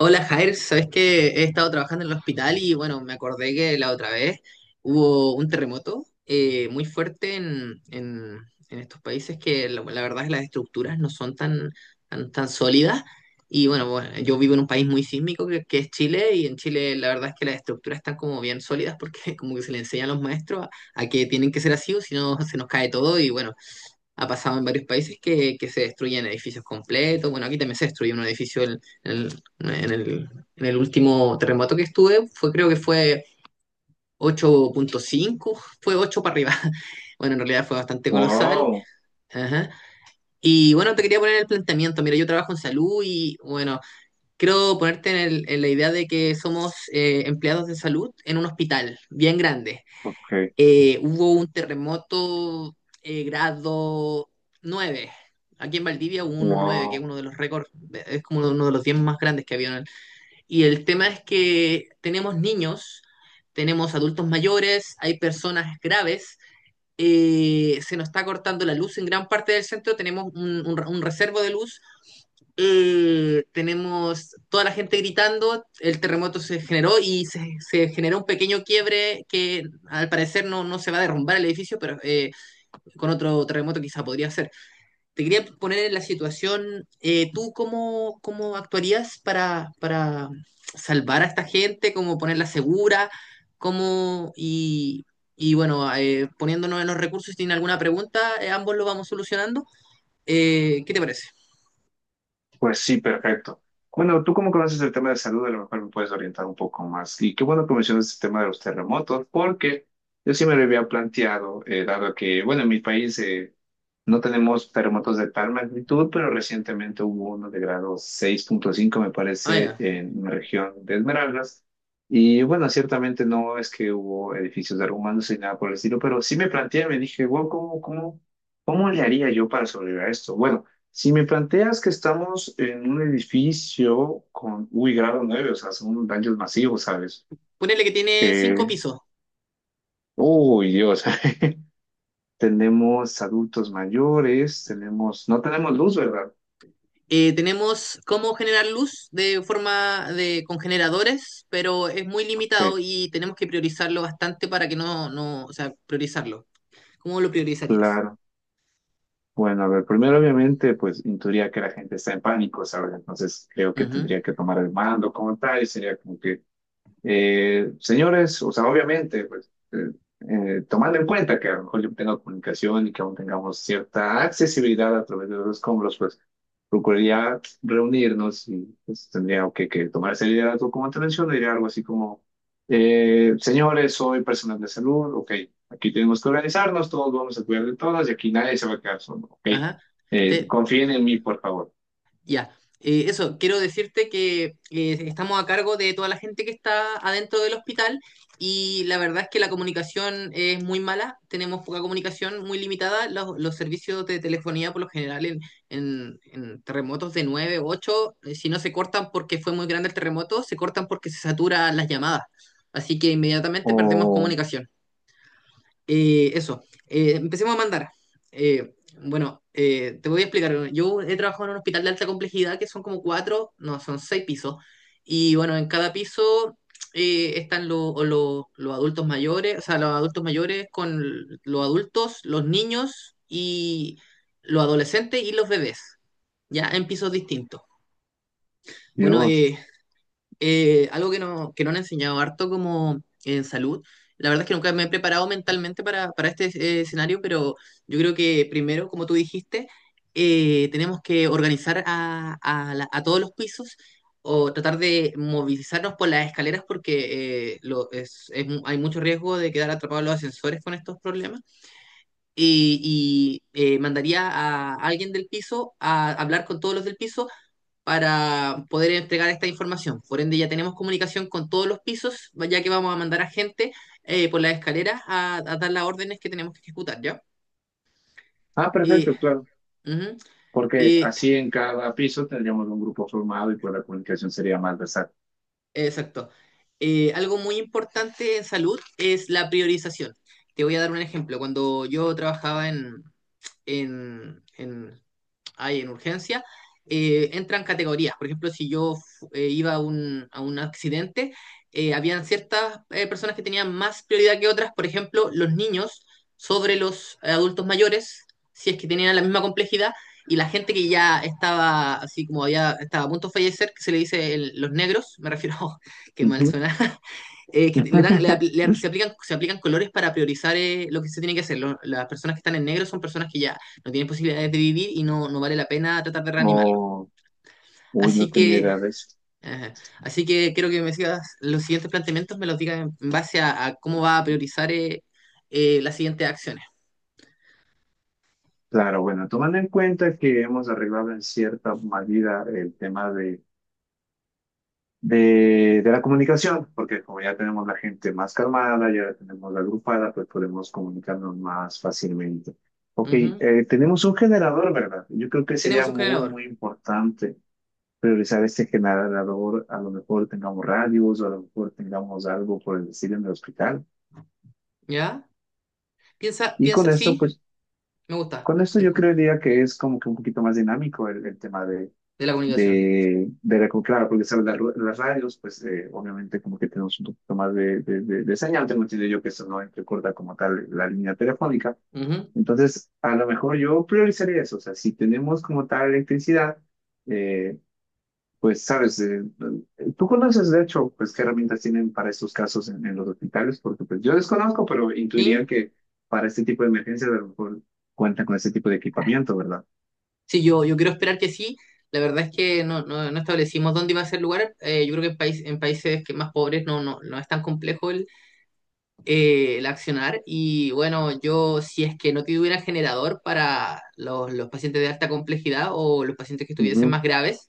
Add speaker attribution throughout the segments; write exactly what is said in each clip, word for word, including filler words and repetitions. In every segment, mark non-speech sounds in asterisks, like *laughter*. Speaker 1: Hola Jair, sabes que he estado trabajando en el hospital y bueno, me acordé que la otra vez hubo un terremoto eh, muy fuerte en, en- en estos países que la, la verdad es que las estructuras no son tan, tan, tan sólidas. Y bueno, bueno, yo vivo en un país muy sísmico que, que es Chile y en Chile la verdad es que las estructuras están como bien sólidas porque *laughs* como que se le enseña a los maestros a, a que tienen que ser así o si no se nos cae todo y bueno, ha pasado en varios países que, que se destruyen edificios completos. Bueno, aquí también se destruyó un edificio en, en el, en el- en el último terremoto que estuve. Fue, creo que fue ocho punto cinco, fue ocho para arriba. *laughs* Bueno, en realidad fue bastante colosal.
Speaker 2: Wow,
Speaker 1: Ajá. Y bueno, te quería poner el planteamiento. Mira, yo trabajo en salud y bueno, quiero ponerte en, el- en la idea de que somos eh, empleados de salud en un hospital bien grande
Speaker 2: ok,
Speaker 1: eh, hubo un terremoto eh, grado nueve. Aquí en Valdivia hubo uno nueve que es
Speaker 2: wow.
Speaker 1: uno de los récords, es como uno de los diez más grandes que había. Y el tema es que tenemos niños, tenemos adultos mayores, hay personas graves. Eh, se nos está cortando la luz en gran parte del centro, tenemos un, un, un reservo de luz, eh, tenemos toda la gente gritando, el terremoto se generó y se, se generó un pequeño quiebre que al parecer no, no se va a derrumbar el edificio, pero eh, con otro terremoto quizá podría ser. Te quería poner en la situación. Eh, ¿tú cómo, cómo actuarías para, para salvar a esta gente? ¿Cómo ponerla segura? ¿Cómo, y, y bueno, eh, poniéndonos en los recursos? Si tienen alguna pregunta, eh, ambos lo vamos solucionando. Eh, ¿qué te parece?
Speaker 2: Pues sí, perfecto. Bueno, tú como conoces el tema de salud, a lo mejor me puedes orientar un poco más. Y qué bueno que mencionas el tema de los terremotos, porque yo sí me lo había planteado, eh, dado que, bueno, en mi país, eh, no tenemos terremotos de tal magnitud, pero recientemente hubo uno de grado seis punto cinco, me
Speaker 1: Ah,
Speaker 2: parece,
Speaker 1: ya.
Speaker 2: en una región de Esmeraldas. Y bueno, ciertamente no es que hubo edificios derrumbándose ni nada por el estilo, pero sí me planteé, me dije, wow, ¿cómo, cómo, cómo le haría yo para sobrevivir a esto? Bueno, si me planteas que estamos en un edificio con, uy, grado nueve, o sea, son daños masivos, ¿sabes?
Speaker 1: Ponele que tiene cinco
Speaker 2: Eh,
Speaker 1: pisos.
Speaker 2: uy, Dios. *laughs* Tenemos adultos mayores, tenemos, no tenemos luz, ¿verdad?
Speaker 1: Eh, tenemos cómo generar luz de forma de con generadores, pero es muy
Speaker 2: Ok,
Speaker 1: limitado y tenemos que priorizarlo bastante para que no, no, o sea, priorizarlo. ¿Cómo lo priorizarías?
Speaker 2: claro. Bueno, a ver, primero obviamente, pues intuiría que la gente está en pánico, ¿sabes? Entonces creo que tendría
Speaker 1: Ujú.
Speaker 2: que tomar el mando como tal y sería como que, eh, señores, o sea, obviamente, pues eh, eh, tomando en cuenta que a lo mejor yo tengo comunicación y que aún tengamos cierta accesibilidad a través de los escombros, pues procuraría reunirnos y pues, tendría que, que tomar ese liderazgo como te menciono, diría algo así como, eh, señores, soy personal de salud, ok, aquí tenemos que organizarnos, todos vamos a cuidar de todas y aquí nadie se va a quedar solo, ok,
Speaker 1: Ajá.
Speaker 2: eh,
Speaker 1: Te-
Speaker 2: confíen en mí, por favor.
Speaker 1: ya. Eh, eso, quiero decirte que eh, estamos a cargo de toda la gente que está adentro del hospital y la verdad es que la comunicación es muy mala, tenemos poca comunicación, muy limitada. Los, los servicios de telefonía por lo general en, en- en terremotos de nueve ocho, eh, si no se cortan porque fue muy grande el terremoto, se cortan porque se saturan las llamadas. Así que inmediatamente perdemos
Speaker 2: Oh,
Speaker 1: comunicación. Eh, eso, eh, empecemos a mandar. Eh, bueno, eh, te voy a explicar. Bueno, yo he trabajado en un hospital de alta complejidad que son como cuatro, no, son seis pisos. Y bueno, en cada piso eh, están lo- o lo- los adultos mayores, o sea, los adultos mayores con l- los adultos, los niños y los adolescentes y los bebés, ya en pisos distintos. Bueno,
Speaker 2: Dios.
Speaker 1: eh, eh, algo que no, que no han enseñado harto como en salud. La verdad es que nunca me he preparado mentalmente para, para este eh, escenario, pero yo creo que primero, como tú dijiste, eh, tenemos que organizar a, a la- a todos los pisos o tratar de movilizarnos por las escaleras porque eh, lo- es- es mu- hay mucho riesgo de quedar atrapados en los ascensores con estos problemas. Y, y, eh, Mandaría a alguien del piso a hablar con todos los del piso para poder entregar esta información. Por ende, ya tenemos comunicación con todos los pisos, ya que vamos a mandar a gente eh, por las escaleras a, a dar las órdenes que tenemos que ejecutar, ¿ya?
Speaker 2: Ah,
Speaker 1: Y,
Speaker 2: perfecto, claro,
Speaker 1: ujú,
Speaker 2: porque
Speaker 1: y,
Speaker 2: así en cada piso tendríamos un grupo formado y pues la comunicación sería más versátil.
Speaker 1: exacto. Eh, algo muy importante en salud es la priorización. Te voy a dar un ejemplo. Cuando yo trabajaba en, en, en hay en urgencia, eh, entran categorías. Por ejemplo, si yo eh, iba a un, a un accidente, eh, habían ciertas eh, personas que tenían más prioridad que otras, por ejemplo, los niños sobre los eh, adultos mayores, si es que tenían la misma complejidad, y la gente que ya estaba, así como había, estaba a punto de fallecer, que se le dice el- los negros, me refiero, *laughs* que mal
Speaker 2: Ujú.
Speaker 1: suena, eh, que le dan, le
Speaker 2: *laughs*
Speaker 1: le se, aplican, se aplican colores para priorizar eh, lo que se tiene que hacer. Lo- las personas que están en negro son personas que ya no tienen posibilidades de vivir y no, no vale la pena tratar de reanimarlo.
Speaker 2: O, uy, no
Speaker 1: Así
Speaker 2: tenía
Speaker 1: que,
Speaker 2: idea de eso.
Speaker 1: eh, así que quiero que me sigas los siguientes planteamientos, me los digas en en base a, a cómo va a priorizar eh, eh, las siguientes acciones.
Speaker 2: Claro, bueno, tomando en cuenta que hemos arreglado en cierta medida el tema de, de, de la comunicación, porque como ya tenemos la gente más calmada, ya la tenemos la agrupada, pues podemos comunicarnos más fácilmente. Ok,
Speaker 1: Ujú.
Speaker 2: eh, tenemos un generador, ¿verdad? Yo creo que sería
Speaker 1: Tenemos un
Speaker 2: muy,
Speaker 1: generador,
Speaker 2: muy importante priorizar este generador. A lo mejor tengamos radios o a lo mejor tengamos algo por el estilo en el hospital.
Speaker 1: ¿ya? Piensa,
Speaker 2: Y con
Speaker 1: piensa,
Speaker 2: esto,
Speaker 1: sí,
Speaker 2: pues,
Speaker 1: me gusta,
Speaker 2: con esto
Speaker 1: te
Speaker 2: yo
Speaker 1: escu-
Speaker 2: creería que es como que un poquito más dinámico el el tema de
Speaker 1: de la comunicación.
Speaker 2: de, de la- claro, porque sabes, la- ru- las radios, pues eh, obviamente como que tenemos un poquito más de, de, de, de señal, tengo entendido yo que eso no entrecorta como tal la línea telefónica,
Speaker 1: Ujú.
Speaker 2: entonces a lo mejor yo priorizaría eso, o sea, si tenemos como tal electricidad, eh, pues sabes, eh, eh, tú conoces de hecho, pues qué herramientas tienen para estos casos en, en los hospitales, porque pues yo desconozco, pero intuiría
Speaker 1: Sí,
Speaker 2: que para este tipo de emergencias a lo mejor cuentan con este tipo de equipamiento, ¿verdad?
Speaker 1: Sí, yo, yo quiero esperar que sí. La verdad es que no, no, no establecimos dónde iba a ser el lugar. Eh, yo creo que en, país, en países que más pobres no, no, no es tan complejo el, eh, el accionar y bueno, yo si es que no tuviera generador para los, los pacientes de alta complejidad o los pacientes que estuviesen
Speaker 2: Ujú,
Speaker 1: más graves,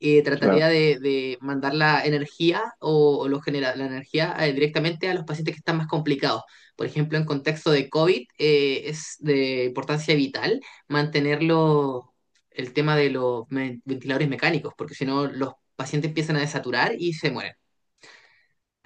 Speaker 1: eh, trataría
Speaker 2: claro.
Speaker 1: de, de mandar la energía o, o los genera- la energía eh, directamente a los pacientes que están más complicados. Por ejemplo, en contexto de COVID, eh, es de importancia vital mantenerlo el tema de los me- ventiladores mecánicos, porque si no, los pacientes empiezan a desaturar y se mueren.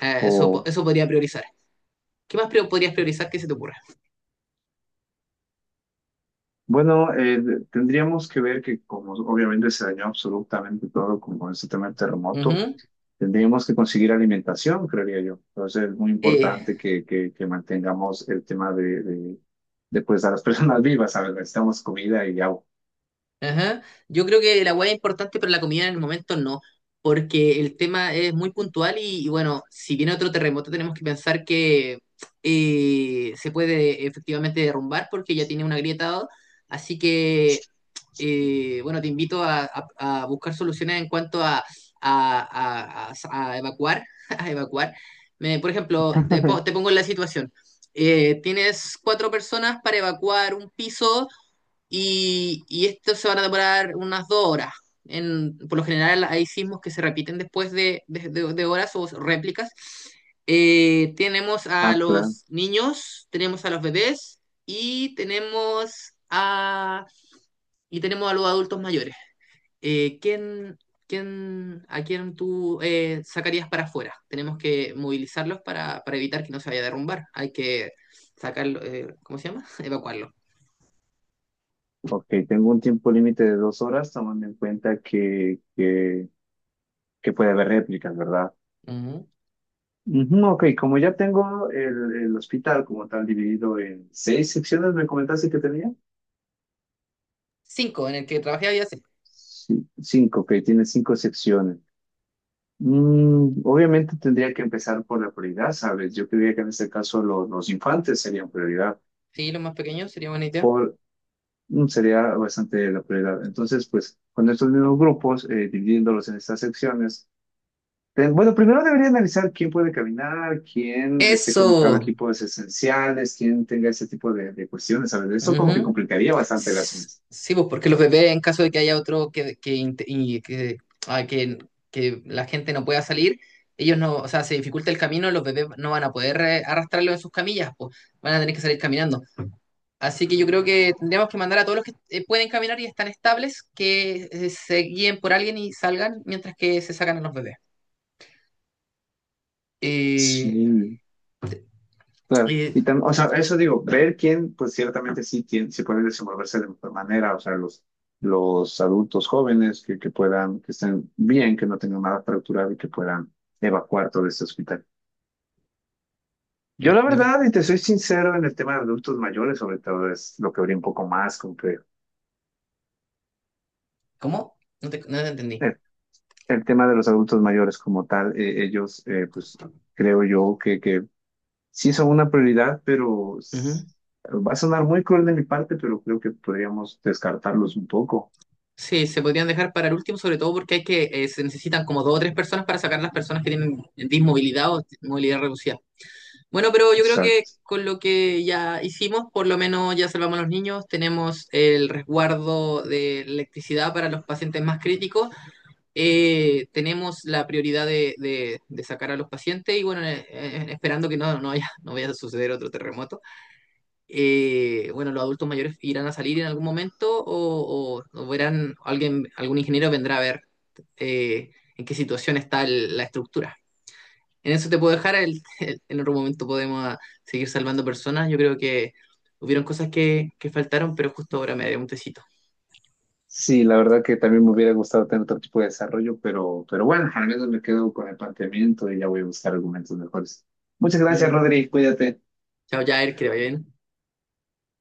Speaker 1: Eh, eso, po-
Speaker 2: O,
Speaker 1: eso podría priorizar. ¿Qué más pri- podrías priorizar que se te ocurra?
Speaker 2: bueno, eh, tendríamos que ver que como obviamente se dañó absolutamente todo con, con este tema del terremoto,
Speaker 1: Ujú,
Speaker 2: tendríamos que conseguir alimentación, creería yo. Entonces es muy
Speaker 1: eh,
Speaker 2: importante que, que, que mantengamos el tema de, de, de, pues a las *laughs* personas vivas, ¿sabes? Necesitamos comida y agua.
Speaker 1: ajá. Yo creo que la hueá es importante, pero la comida en el momento no, porque el tema es muy puntual y, y bueno, si viene otro terremoto tenemos que pensar que eh, se puede efectivamente derrumbar porque ya tiene una grieta, así que eh, bueno, te invito a, a, a, buscar soluciones en cuanto a, a a, a evacuar, *laughs* a evacuar. Me, por ejemplo, te, po- te pongo en la situación. Eh, tienes cuatro personas para evacuar un piso y, y esto se van a demorar unas dos horas. En, por lo general hay sismos que se repiten después de, de- de- de horas o réplicas. Eh, tenemos a
Speaker 2: Ah, claro.
Speaker 1: los niños, tenemos a los bebés y tenemos a y tenemos a los adultos mayores. Eh, ¿quién, quién, ¿A quién tú eh, sacarías para afuera? Tenemos que movilizarlos para, para evitar que no se vaya a derrumbar. Hay que sacarlo, eh, ¿cómo se llama? *laughs* Evacuarlo.
Speaker 2: Ok, tengo un tiempo límite de dos horas, tomando en cuenta que, que, que puede haber réplicas, ¿verdad?
Speaker 1: Ujú.
Speaker 2: Ujú, ok, como ya tengo el, el hospital como tal dividido en seis secciones, ¿me comentaste que tenía?
Speaker 1: Cinco, en el que trabajé había cinco.
Speaker 2: Sí, cinco, que tiene cinco secciones. Mm, obviamente tendría que empezar por la prioridad, ¿sabes? Yo creería que en este caso lo- los infantes serían prioridad,
Speaker 1: Sí, los más pequeños sería buena idea.
Speaker 2: por, mm, sería bastante la prioridad. Entonces, pues, con estos mismos grupos, eh, dividiéndolos en estas secciones, ten- bueno, primero debería analizar quién puede caminar, quién esté conectado a
Speaker 1: Eso.
Speaker 2: equipos esenciales, quién tenga ese tipo de, de cuestiones, ¿sabes? Eso como que
Speaker 1: Ujú.
Speaker 2: complicaría bastante el
Speaker 1: S-
Speaker 2: asunto.
Speaker 1: Sí, pues porque los bebés, en caso de que haya otro que, que, int- y que, ah, que, que la gente no pueda salir, ellos no, o sea, se dificulta el camino, los bebés no van a poder eh, arrastrarlo en sus camillas, pues van a tener que salir caminando. Así que yo creo que tendríamos que mandar a todos los que eh, pueden caminar y están estables que eh, se guíen por alguien y salgan mientras que se sacan a los bebés. Eh,
Speaker 2: Sí. Claro.
Speaker 1: eh,
Speaker 2: Y tam- o sea, eso digo, ver quién, pues ciertamente sí, tiene, sí pueden desenvolverse de mejor manera, o sea, los, los adultos jóvenes que, que puedan, que estén bien, que no tengan nada fracturado y que puedan evacuar todo este hospital. Yo la
Speaker 1: eh,
Speaker 2: verdad, y te soy sincero, en el tema de adultos mayores, sobre todo es lo que habría un poco más, como que
Speaker 1: ¿Cómo? No te, no te entendí.
Speaker 2: el, el tema de los adultos mayores como tal, eh, ellos, eh, pues creo yo que, que sí son una prioridad, pero s- va a sonar muy cruel de mi parte, pero creo que podríamos descartarlos un poco.
Speaker 1: Sí, se podrían dejar para el último, sobre todo porque hay que, eh, se necesitan como dos o tres personas para sacar las personas que tienen dismovilidad o movilidad reducida. Bueno, pero yo creo
Speaker 2: O
Speaker 1: que con lo que ya hicimos, por lo menos ya salvamos a los niños, tenemos el resguardo de electricidad para los pacientes más críticos, eh, tenemos la prioridad de, de- de sacar a los pacientes y bueno, eh, eh, esperando que no, no haya, no vaya a suceder otro terremoto. Eh, bueno, los adultos mayores irán a salir en algún momento o, o- o verán, alguien, algún ingeniero vendrá a ver eh, en qué situación está el- la estructura. En eso te puedo dejar, el- el- en otro momento podemos ah, seguir salvando personas. Yo creo que hubieron cosas que, que faltaron, pero justo ahora me dio un tecito.
Speaker 2: sí, la verdad que también me hubiera gustado tener otro tipo de desarrollo, pero, pero bueno, al menos me quedo con el planteamiento y ya voy a buscar argumentos mejores. Muchas gracias,
Speaker 1: Ujú.
Speaker 2: Rodri, cuídate.
Speaker 1: Chao, Jair, que te vaya bien.